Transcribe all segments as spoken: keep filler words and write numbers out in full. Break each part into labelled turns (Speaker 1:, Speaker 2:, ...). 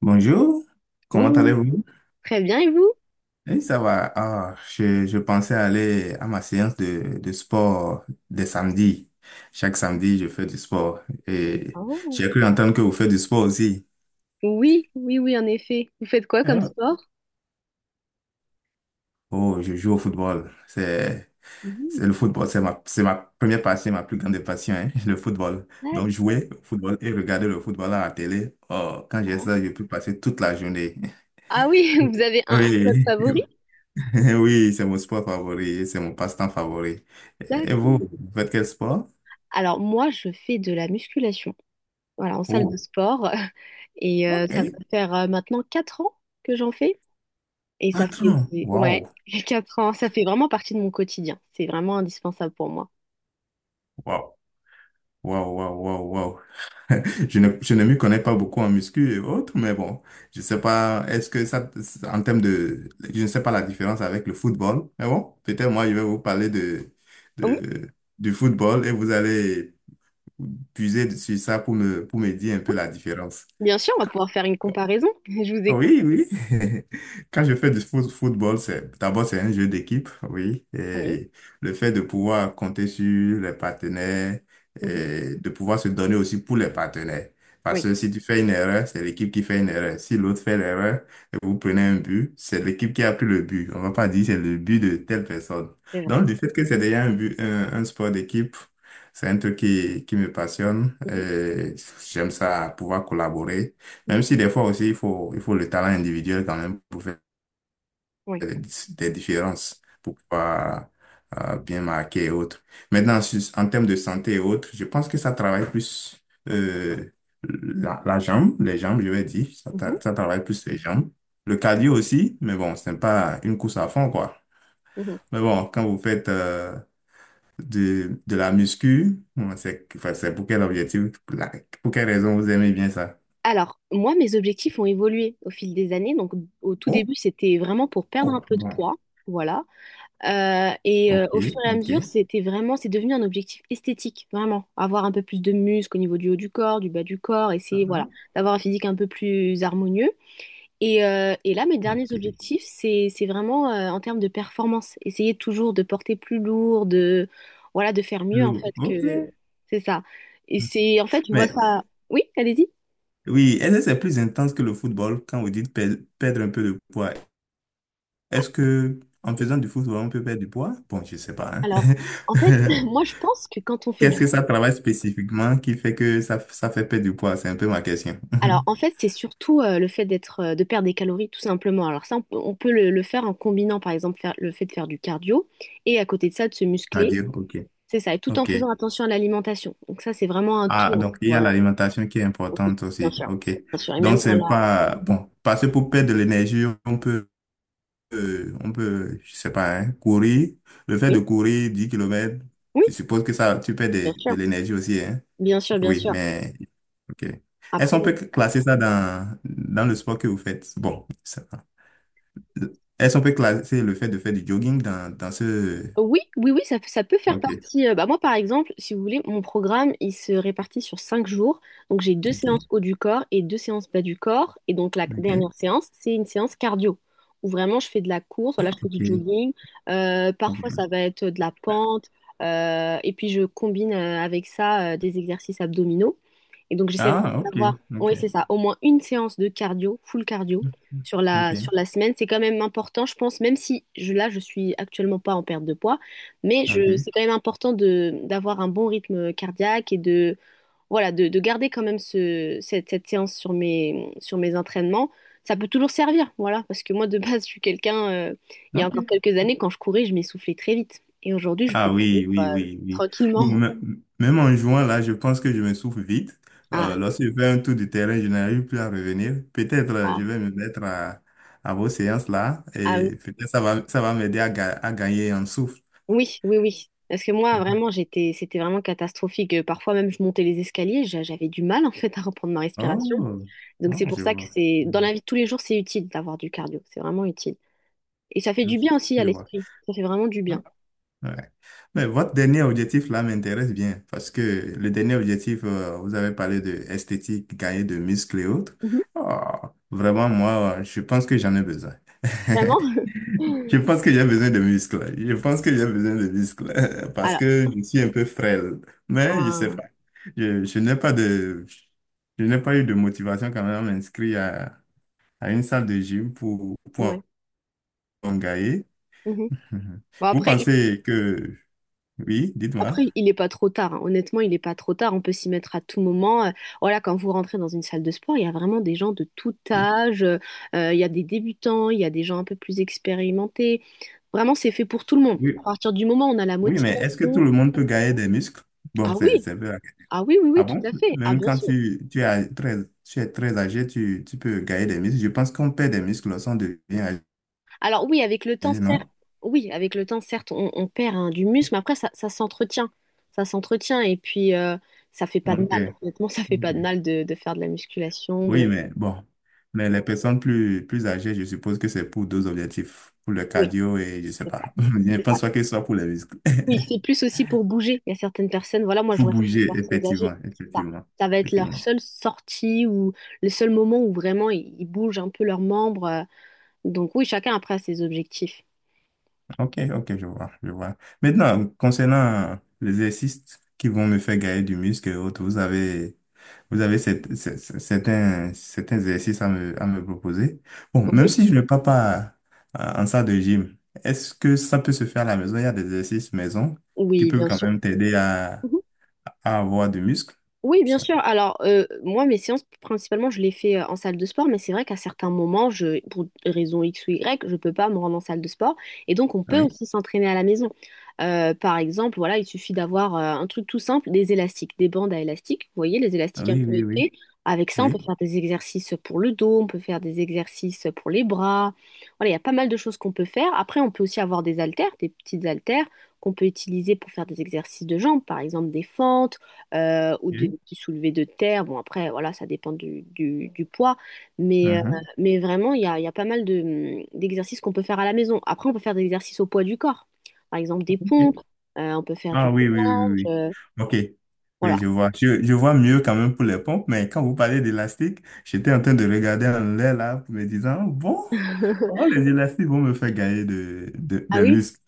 Speaker 1: Bonjour, comment
Speaker 2: Bonjour.
Speaker 1: allez-vous?
Speaker 2: Très bien, et vous?
Speaker 1: Oui, ça va. Ah, je, je pensais aller à ma séance de, de sport des samedis. Chaque samedi, je fais du sport. Et
Speaker 2: Oh,
Speaker 1: j'ai cru entendre que vous faites du sport aussi.
Speaker 2: oui, oui, oui, en effet. Vous faites quoi comme
Speaker 1: Ah.
Speaker 2: sport?
Speaker 1: Oh, je joue au football. C'est,
Speaker 2: Mhm,
Speaker 1: c'est le football, c'est ma, c'est ma première passion, ma plus grande passion, hein, le football. Donc,
Speaker 2: d'accord.
Speaker 1: jouer au football et regarder le football à la télé. Oh, quand j'ai ça, je peux passer toute la journée.
Speaker 2: Ah oui, vous avez un, un club
Speaker 1: Oui,
Speaker 2: favori?
Speaker 1: oui, c'est mon sport favori, c'est mon passe-temps favori. Et vous,
Speaker 2: D'accord.
Speaker 1: vous faites quel sport?
Speaker 2: Alors moi, je fais de la musculation, voilà, en salle de
Speaker 1: Oh,
Speaker 2: sport. Et euh, ça va
Speaker 1: ok.
Speaker 2: faire euh, maintenant quatre ans que j'en fais. Et ça
Speaker 1: Patron,
Speaker 2: fait,
Speaker 1: waouh,
Speaker 2: ouais, quatre ans, ça fait vraiment partie de mon quotidien. C'est vraiment indispensable pour moi.
Speaker 1: waouh, waouh, waouh, waouh, waouh. Je ne, je ne m'y connais pas beaucoup en muscu et autres, mais bon, je sais pas, est-ce que ça, en termes de, je ne sais pas la différence avec le football, mais bon, peut-être moi, je vais vous parler de,
Speaker 2: Oui,
Speaker 1: de, du football et vous allez puiser sur ça pour me, pour me dire un peu la différence.
Speaker 2: bien sûr, on va pouvoir faire une comparaison. Je vous écoute.
Speaker 1: Oui, oui. Quand je fais du foot- football, c'est d'abord c'est un jeu d'équipe, oui.
Speaker 2: Oui.
Speaker 1: Et le fait de pouvoir compter sur les partenaires
Speaker 2: Mhm.
Speaker 1: et de pouvoir se donner aussi pour les partenaires. Parce
Speaker 2: Oui,
Speaker 1: que si tu fais une erreur, c'est l'équipe qui fait une erreur. Si l'autre fait l'erreur et vous prenez un but, c'est l'équipe qui a pris le but. On va pas dire c'est le but de telle personne.
Speaker 2: c'est vrai.
Speaker 1: Donc, du fait que c'est déjà un but, un, un sport d'équipe, c'est un truc qui, qui me passionne.
Speaker 2: Mhm.
Speaker 1: Et j'aime ça, pouvoir collaborer. Même
Speaker 2: Mhm.
Speaker 1: si des fois aussi, il faut, il faut le talent individuel quand même pour faire
Speaker 2: Oui.
Speaker 1: des, des différences, pour pouvoir euh, bien marquer et autres. Maintenant, sur- en termes de santé et autres, je pense que ça travaille plus euh, la, la jambe, les jambes, je vais dire. Ça,
Speaker 2: Mhm.
Speaker 1: tra- ça travaille plus les jambes. Le cardio aussi, mais bon, ce n'est pas une course à fond, quoi.
Speaker 2: Mhm.
Speaker 1: Mais bon, quand vous faites euh, de, de la muscu, bon, c'est enfin, c'est pour quel objectif, la- pour quelle raison vous aimez bien ça?
Speaker 2: Alors, moi, mes objectifs ont évolué au fil des années. Donc, au tout
Speaker 1: Oh,
Speaker 2: début, c'était vraiment pour perdre un
Speaker 1: oh,
Speaker 2: peu de
Speaker 1: bon,
Speaker 2: poids. Voilà. Euh, et euh,
Speaker 1: ok,
Speaker 2: au fur et à
Speaker 1: ok.
Speaker 2: mesure, c'était vraiment, c'est devenu un objectif esthétique, vraiment. Avoir un peu plus de muscles au niveau du haut du corps, du bas du corps, essayer, voilà,
Speaker 1: Ah,
Speaker 2: d'avoir un physique un peu plus harmonieux. Et, euh, et là, mes derniers
Speaker 1: ok.
Speaker 2: objectifs, c'est, c'est vraiment euh, en termes de performance. Essayer toujours de porter plus lourd, de, voilà, de faire mieux,
Speaker 1: Le,
Speaker 2: en fait,
Speaker 1: ok.
Speaker 2: que c'est ça. Et c'est, en fait, je vois
Speaker 1: Mais
Speaker 2: ça. Oui, allez-y.
Speaker 1: oui, est-ce que c'est plus intense que le football quand vous dites pe- perdre un peu de poids? Est-ce que en faisant du football, on peut perdre du poids? Bon, je sais pas,
Speaker 2: Alors, en fait,
Speaker 1: hein.
Speaker 2: moi, je pense que quand on fait
Speaker 1: Qu'est-ce
Speaker 2: du…
Speaker 1: que ça travaille spécifiquement qui fait que ça, ça fait perdre du poids? C'est un peu ma question.
Speaker 2: Alors, en fait, c'est surtout euh, le fait d'être, euh, de perdre des calories, tout simplement. Alors ça, on peut, on peut le, le faire en combinant, par exemple, faire, le fait de faire du cardio et à côté de ça, de se
Speaker 1: À
Speaker 2: muscler.
Speaker 1: dire, ok.
Speaker 2: C'est ça, et tout en
Speaker 1: Ok.
Speaker 2: faisant attention à l'alimentation. Donc ça, c'est vraiment un
Speaker 1: Ah,
Speaker 2: tout.
Speaker 1: donc il y a
Speaker 2: Voilà.
Speaker 1: l'alimentation qui est
Speaker 2: Oui,
Speaker 1: importante
Speaker 2: bien
Speaker 1: aussi.
Speaker 2: sûr.
Speaker 1: Ok.
Speaker 2: Bien sûr. Et
Speaker 1: Donc
Speaker 2: même dans
Speaker 1: c'est
Speaker 2: la…
Speaker 1: pas, bon, parce que pour perdre de l'énergie, on peut euh, on peut, je sais pas, hein, courir. Le fait de
Speaker 2: Oui,
Speaker 1: courir dix kilomètres,
Speaker 2: oui,
Speaker 1: je suppose que ça, tu perds des-
Speaker 2: bien
Speaker 1: de,
Speaker 2: sûr.
Speaker 1: l'énergie aussi, hein.
Speaker 2: Bien sûr, bien
Speaker 1: Oui,
Speaker 2: sûr.
Speaker 1: mais, ok. Est-ce
Speaker 2: Après,
Speaker 1: qu'on peut classer ça dans, dans le sport que vous faites? Bon, ça va. Est-ce qu'on peut classer le fait de faire du jogging dans, dans ce...
Speaker 2: oui, oui, oui, ça, ça peut faire
Speaker 1: Ok,
Speaker 2: partie. euh, bah moi, par exemple, si vous voulez, mon programme, il se répartit sur cinq jours. Donc, j'ai deux
Speaker 1: ok,
Speaker 2: séances haut du corps et deux séances bas du corps. Et donc, la
Speaker 1: ok,
Speaker 2: dernière séance, c'est une séance cardio, où vraiment, je fais de la course, voilà, je fais du
Speaker 1: ok,
Speaker 2: jogging. Euh, parfois, ça
Speaker 1: ok.
Speaker 2: va être de la pente. euh, et puis, je combine euh, avec ça euh, des exercices abdominaux. Et donc, j'essaie vraiment
Speaker 1: Ah, ok,
Speaker 2: d'avoir,
Speaker 1: ok,
Speaker 2: oui, c'est ça, au moins une séance de cardio, full cardio, sur la, sur
Speaker 1: ok,
Speaker 2: la semaine. C'est quand même important, je pense, même si je, là, je suis actuellement pas en perte de poids, mais je,
Speaker 1: ok,
Speaker 2: c'est quand même important de, d'avoir un bon rythme cardiaque et de, voilà, de, de garder quand même ce, cette, cette séance sur mes, sur mes entraînements. Ça peut toujours servir, voilà, parce que moi, de base, je suis quelqu'un, euh, il y a
Speaker 1: ok.
Speaker 2: encore quelques années, quand je courais, je m'essoufflais très vite. Et aujourd'hui, je peux
Speaker 1: Ah
Speaker 2: courir,
Speaker 1: oui, oui,
Speaker 2: euh,
Speaker 1: oui, oui. Ou
Speaker 2: tranquillement.
Speaker 1: me- même en jouant là, je pense que je me souffle vite. Euh,
Speaker 2: Ah,
Speaker 1: lorsque je fais un tour du terrain, je n'arrive plus à revenir. Peut-être euh, je
Speaker 2: ah,
Speaker 1: vais me mettre à, à vos séances là
Speaker 2: ah oui.
Speaker 1: et peut-être ça va, ça va m'aider à, ga- à gagner en souffle.
Speaker 2: Oui, oui, oui. Parce que moi, vraiment, j'étais, c'était vraiment catastrophique. Euh, Parfois même, je montais les escaliers, j'a- j'avais du mal en fait à reprendre ma respiration.
Speaker 1: Oh,
Speaker 2: Donc c'est
Speaker 1: oh,
Speaker 2: pour
Speaker 1: je
Speaker 2: ça que
Speaker 1: vois,
Speaker 2: c'est
Speaker 1: je
Speaker 2: dans
Speaker 1: vois,
Speaker 2: la vie de tous les jours, c'est utile d'avoir du cardio. C'est vraiment utile. Et ça fait
Speaker 1: je
Speaker 2: du bien aussi à
Speaker 1: je vois.
Speaker 2: l'esprit. Ça fait vraiment du bien.
Speaker 1: Hein? Ouais. Mais votre dernier objectif là m'intéresse bien parce que le dernier objectif, euh, vous avez parlé de esthétique, gagner de muscles et autres.
Speaker 2: Mhm.
Speaker 1: Oh, vraiment, moi, je pense que j'en ai besoin.
Speaker 2: Vraiment?
Speaker 1: Je pense que j'ai besoin de muscles. Je pense que j'ai besoin de muscles parce
Speaker 2: Alors,
Speaker 1: que je suis un peu frêle. Mais je sais
Speaker 2: un-
Speaker 1: pas. Je, je n'ai pas de, je n'ai pas eu de motivation quand même à m'inscrire à, à une salle de gym pour, pour
Speaker 2: ouais.
Speaker 1: en gagner.
Speaker 2: Mhm.
Speaker 1: Mhm.
Speaker 2: Bon,
Speaker 1: Vous
Speaker 2: après, il…
Speaker 1: pensez que, oui, dites-moi.
Speaker 2: Après, il n'est pas trop tard. Hein. Honnêtement, il n'est pas trop tard. On peut s'y mettre à tout moment. Euh, Voilà, quand vous rentrez dans une salle de sport, il y a vraiment des gens de tout
Speaker 1: Oui.
Speaker 2: âge. Euh, euh, il y a des débutants, il y a des gens un peu plus expérimentés. Vraiment, c'est fait pour tout le monde. À
Speaker 1: Oui,
Speaker 2: partir du moment où on a la
Speaker 1: oui, mais est-ce que tout
Speaker 2: motivation.
Speaker 1: le monde peut gagner des muscles? Bon,
Speaker 2: Ah
Speaker 1: c'est,
Speaker 2: oui,
Speaker 1: c'est un peu la- question.
Speaker 2: ah oui, oui,
Speaker 1: Ah
Speaker 2: oui, tout
Speaker 1: bon?
Speaker 2: à fait. Ah
Speaker 1: Même
Speaker 2: bien
Speaker 1: quand
Speaker 2: sûr.
Speaker 1: tu, tu es très, tu es très âgé, tu, tu peux gagner des muscles. Je pense qu'on perd des muscles lorsqu'on devient âgé,
Speaker 2: Alors oui, avec le temps, certes,
Speaker 1: non?
Speaker 2: oui, avec le temps, certes, on, on perd hein, du muscle, mais après, ça, ça s'entretient. Ça s'entretient. Et puis, euh, ça fait pas de
Speaker 1: Ok.
Speaker 2: mal. Honnêtement, ça fait pas de
Speaker 1: Ok.
Speaker 2: mal de, de faire de la musculation, de.
Speaker 1: Oui, mais bon, mais les personnes plus, plus âgées, je suppose que c'est pour deux objectifs, pour le
Speaker 2: Oui,
Speaker 1: cardio et je sais
Speaker 2: c'est
Speaker 1: pas.
Speaker 2: ça.
Speaker 1: Je ne
Speaker 2: C'est ça.
Speaker 1: pense pas que ce soit pour les muscles.
Speaker 2: Oui, c'est plus aussi pour bouger. Il y a certaines personnes, voilà, moi je
Speaker 1: Pour
Speaker 2: vois certaines
Speaker 1: bouger,
Speaker 2: personnes âgées,
Speaker 1: effectivement,
Speaker 2: c'est ça.
Speaker 1: effectivement,
Speaker 2: Ça va être leur
Speaker 1: effectivement.
Speaker 2: seule sortie ou le seul moment où vraiment ils, ils bougent un peu leurs membres. euh, Donc oui, chacun après a ses objectifs.
Speaker 1: Ok, ok, je vois, je vois. Maintenant, concernant les exercices qui vont me faire gagner du muscle et autres, vous avez, vous avez cette- cette- cette- certains, certains exercices à me, à me proposer. Bon, même
Speaker 2: Oui,
Speaker 1: si je ne pars pas euh, en salle de gym, est-ce que ça peut se faire à la maison? Il y a des exercices maison qui
Speaker 2: oui,
Speaker 1: peuvent
Speaker 2: bien
Speaker 1: quand
Speaker 2: sûr.
Speaker 1: même t'aider à, à avoir du muscle.
Speaker 2: Oui, bien
Speaker 1: Ça-
Speaker 2: sûr. Alors, euh, moi, mes séances, principalement, je les fais euh, en salle de sport, mais c'est vrai qu'à certains moments, je, pour raison iks ou i grec, je peux pas me rendre en salle de sport. Et donc, on peut
Speaker 1: Oui,
Speaker 2: aussi s'entraîner à la maison. Euh, par exemple, voilà, il suffit d'avoir euh, un truc tout simple, des élastiques, des bandes à élastiques. Vous voyez, les élastiques un
Speaker 1: oui,
Speaker 2: peu
Speaker 1: oui, oui,
Speaker 2: épais. Avec ça, on peut
Speaker 1: oui.
Speaker 2: faire des exercices pour le dos, on peut faire des exercices pour les bras. Voilà, il y a pas mal de choses qu'on peut faire. Après, on peut aussi avoir des haltères, des petites haltères qu'on peut utiliser pour faire des exercices de jambes, par exemple des fentes euh, ou de,
Speaker 1: Oui.
Speaker 2: du soulevé de terre. Bon, après, voilà, ça dépend du, du- du poids. Mais, euh,
Speaker 1: Mhm.
Speaker 2: mais vraiment, il y a, il y a pas mal de, hum, d'exercices qu'on peut faire à la maison. Après, on peut faire des exercices au poids du corps. Par exemple, des pompes,
Speaker 1: Ok.
Speaker 2: euh, on peut faire du
Speaker 1: Ah oui, oui, oui,
Speaker 2: gainage,
Speaker 1: oui,
Speaker 2: euh,
Speaker 1: oui. OK.
Speaker 2: voilà.
Speaker 1: Oui, je vois. Je, je vois mieux quand même pour les pompes, mais quand vous parlez d'élastique, j'étais en train de regarder en l'air là, me disant, oh, bon, comment les élastiques vont me faire gagner de, de,
Speaker 2: Ah
Speaker 1: des
Speaker 2: oui?
Speaker 1: muscles?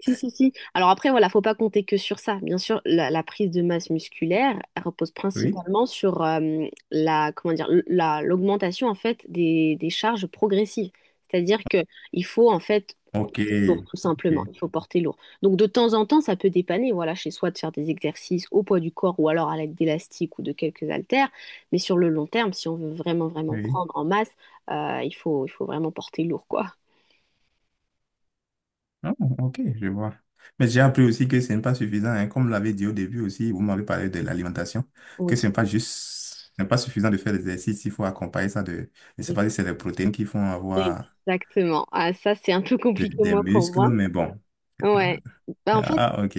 Speaker 2: Si, si, si. Alors après, voilà, faut pas compter que sur ça. Bien sûr, la, la prise de masse musculaire, elle repose
Speaker 1: Oui.
Speaker 2: principalement sur euh, la, comment dire, l- la, l'augmentation en fait des, des charges progressives. C'est-à-dire que il faut en fait
Speaker 1: OK.
Speaker 2: porter lourd, tout simplement.
Speaker 1: OK.
Speaker 2: Il faut porter lourd. Donc de temps en temps, ça peut dépanner, voilà, chez soi de faire des exercices au poids du corps ou alors à l'aide d'élastiques ou de quelques haltères. Mais sur le long terme, si on veut vraiment, vraiment
Speaker 1: Oui.
Speaker 2: prendre en masse, euh, il faut, il faut vraiment porter lourd, quoi.
Speaker 1: Ah, OK, je vois. Mais j'ai appris aussi que ce n'est pas suffisant, hein. Comme vous l'avez dit au début aussi, vous m'avez parlé de l'alimentation, que ce n'est pas juste, ce n'est pas suffisant de faire des exercices, il faut accompagner ça de, je ne sais
Speaker 2: Oui.
Speaker 1: pas si c'est les protéines qui font avoir
Speaker 2: Exactement. Ah, ça, c'est un peu
Speaker 1: de-
Speaker 2: compliqué,
Speaker 1: des
Speaker 2: moi, pour
Speaker 1: muscles,
Speaker 2: moi.
Speaker 1: mais bon.
Speaker 2: Ouais. Bah, en fait,
Speaker 1: Ah, ah, ok.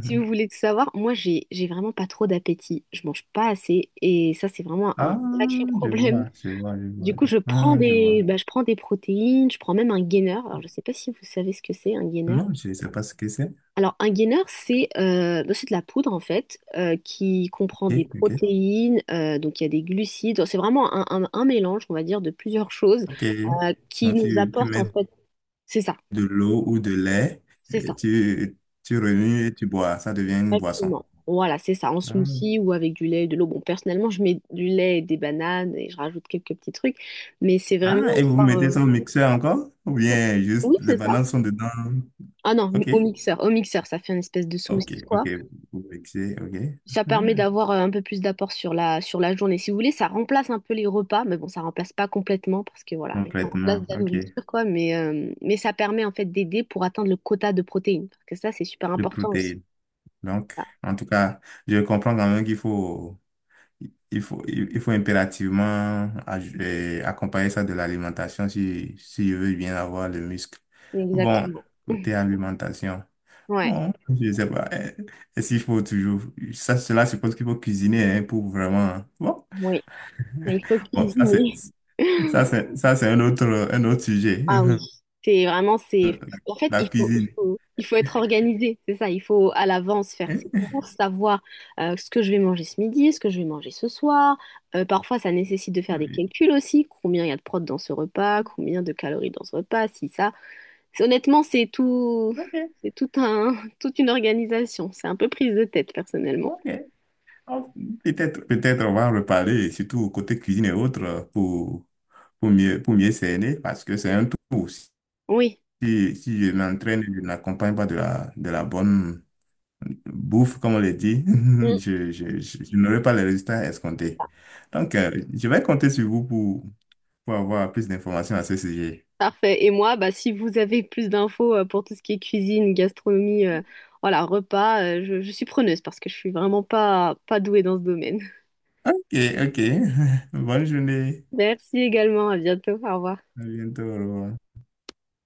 Speaker 2: si vous voulez tout savoir, moi, j'ai, j'ai vraiment pas trop d'appétit. Je mange pas assez. Et ça, c'est vraiment un
Speaker 1: Ah,
Speaker 2: sacré
Speaker 1: je
Speaker 2: problème.
Speaker 1: vois, je vois, je vois.
Speaker 2: Du coup, je prends
Speaker 1: Hum, je
Speaker 2: des,
Speaker 1: vois.
Speaker 2: bah, je prends des protéines, je prends même un gainer. Alors, je sais pas si vous savez ce que c'est, un gainer.
Speaker 1: Non, je ne sais pas ce que c'est.
Speaker 2: Alors, un gainer, c'est euh, bah, c'est de la poudre, en fait, euh, qui comprend des
Speaker 1: Ok, ok.
Speaker 2: protéines, euh, donc il y a des glucides. C'est vraiment un, un un mélange, on va dire, de plusieurs choses
Speaker 1: Ok.
Speaker 2: euh, qui
Speaker 1: Donc,
Speaker 2: nous
Speaker 1: tu, tu
Speaker 2: apporte en
Speaker 1: mets
Speaker 2: fait, c'est ça,
Speaker 1: de l'eau ou de lait,
Speaker 2: c'est
Speaker 1: et
Speaker 2: ça.
Speaker 1: tu, tu remues et tu bois. Ça devient une boisson.
Speaker 2: Exactement. Voilà, c'est ça, en
Speaker 1: Ah,
Speaker 2: smoothie ou avec du lait et de l'eau. Bon, personnellement, je mets du lait et des bananes et je rajoute quelques petits trucs, mais c'est vraiment
Speaker 1: ah, et vous
Speaker 2: histoire,
Speaker 1: mettez
Speaker 2: euh,
Speaker 1: ça au mixeur encore? Ou bien juste
Speaker 2: Oui,
Speaker 1: les
Speaker 2: c'est ça.
Speaker 1: bananes sont dedans?
Speaker 2: Ah non, mi-
Speaker 1: Ok,
Speaker 2: au mixeur, au mixeur, ça fait une espèce de
Speaker 1: ok,
Speaker 2: smoothie,
Speaker 1: ok.
Speaker 2: quoi.
Speaker 1: Vous mixez, ok.
Speaker 2: Ça permet
Speaker 1: Ah,
Speaker 2: d'avoir euh, un peu plus d'apport sur la, sur la journée. Si vous voulez, ça remplace un peu les repas, mais bon, ça remplace pas complètement parce que voilà, ça remplace de
Speaker 1: complètement,
Speaker 2: la
Speaker 1: ok.
Speaker 2: nourriture, quoi, mais, euh, mais ça permet en fait d'aider pour atteindre le quota de protéines, parce que ça, c'est super
Speaker 1: De
Speaker 2: important aussi.
Speaker 1: protéines. Donc,
Speaker 2: Ça,
Speaker 1: en tout cas, je comprends quand même qu'il faut. Il faut, il il faut impérativement aj- euh, accompagner ça de l'alimentation si, si je veux bien avoir le muscle. Bon,
Speaker 2: Exactement.
Speaker 1: côté alimentation,
Speaker 2: Ouais,
Speaker 1: bon, je ne sais pas. euh, Est-ce qu'il faut toujours... Ça, cela suppose qu'il faut cuisiner hein, pour vraiment... Bon,
Speaker 2: oui. Il faut
Speaker 1: bon ça, c'est,
Speaker 2: cuisiner.
Speaker 1: ça, c'est, ça, c'est un autre, un autre sujet.
Speaker 2: Ah oui, c'est vraiment, c'est… En fait,
Speaker 1: La
Speaker 2: il faut, il
Speaker 1: cuisine.
Speaker 2: faut, il faut être organisé, c'est ça. Il faut à l'avance faire
Speaker 1: Hein?
Speaker 2: ses courses, savoir euh, ce que je vais manger ce midi, ce que je vais manger ce soir. Euh, parfois, ça nécessite de faire des
Speaker 1: Oui.
Speaker 2: calculs aussi. Combien il y a de prot dans ce repas, combien de calories dans ce repas, si ça. C'est- Honnêtement, c'est tout,
Speaker 1: Ok,
Speaker 2: c'est tout un, toute une organisation. C'est un peu prise de tête, personnellement.
Speaker 1: ok. Oh, peut-être, peut-être on va en reparler, surtout côté cuisine et autres, pour, pour mieux, pour mieux cerner, parce que c'est un tout.
Speaker 2: Oui.
Speaker 1: Si, si je m'entraîne, et je n'accompagne pas de la, de la bonne bouffe, comme on le dit,
Speaker 2: Mm.
Speaker 1: je, je, je, je n'aurai pas les résultats escomptés. Donc, euh, je vais compter sur vous pour, pour avoir plus d'informations à ce sujet.
Speaker 2: Parfait. Et moi, bah, si vous avez plus d'infos euh, pour tout ce qui est cuisine, gastronomie, euh, voilà, repas, euh, je, je suis preneuse parce que je suis vraiment pas, pas douée dans ce domaine.
Speaker 1: Ok, ok. Bonne journée.
Speaker 2: Merci également. À bientôt. Au revoir.
Speaker 1: À bientôt. Au revoir.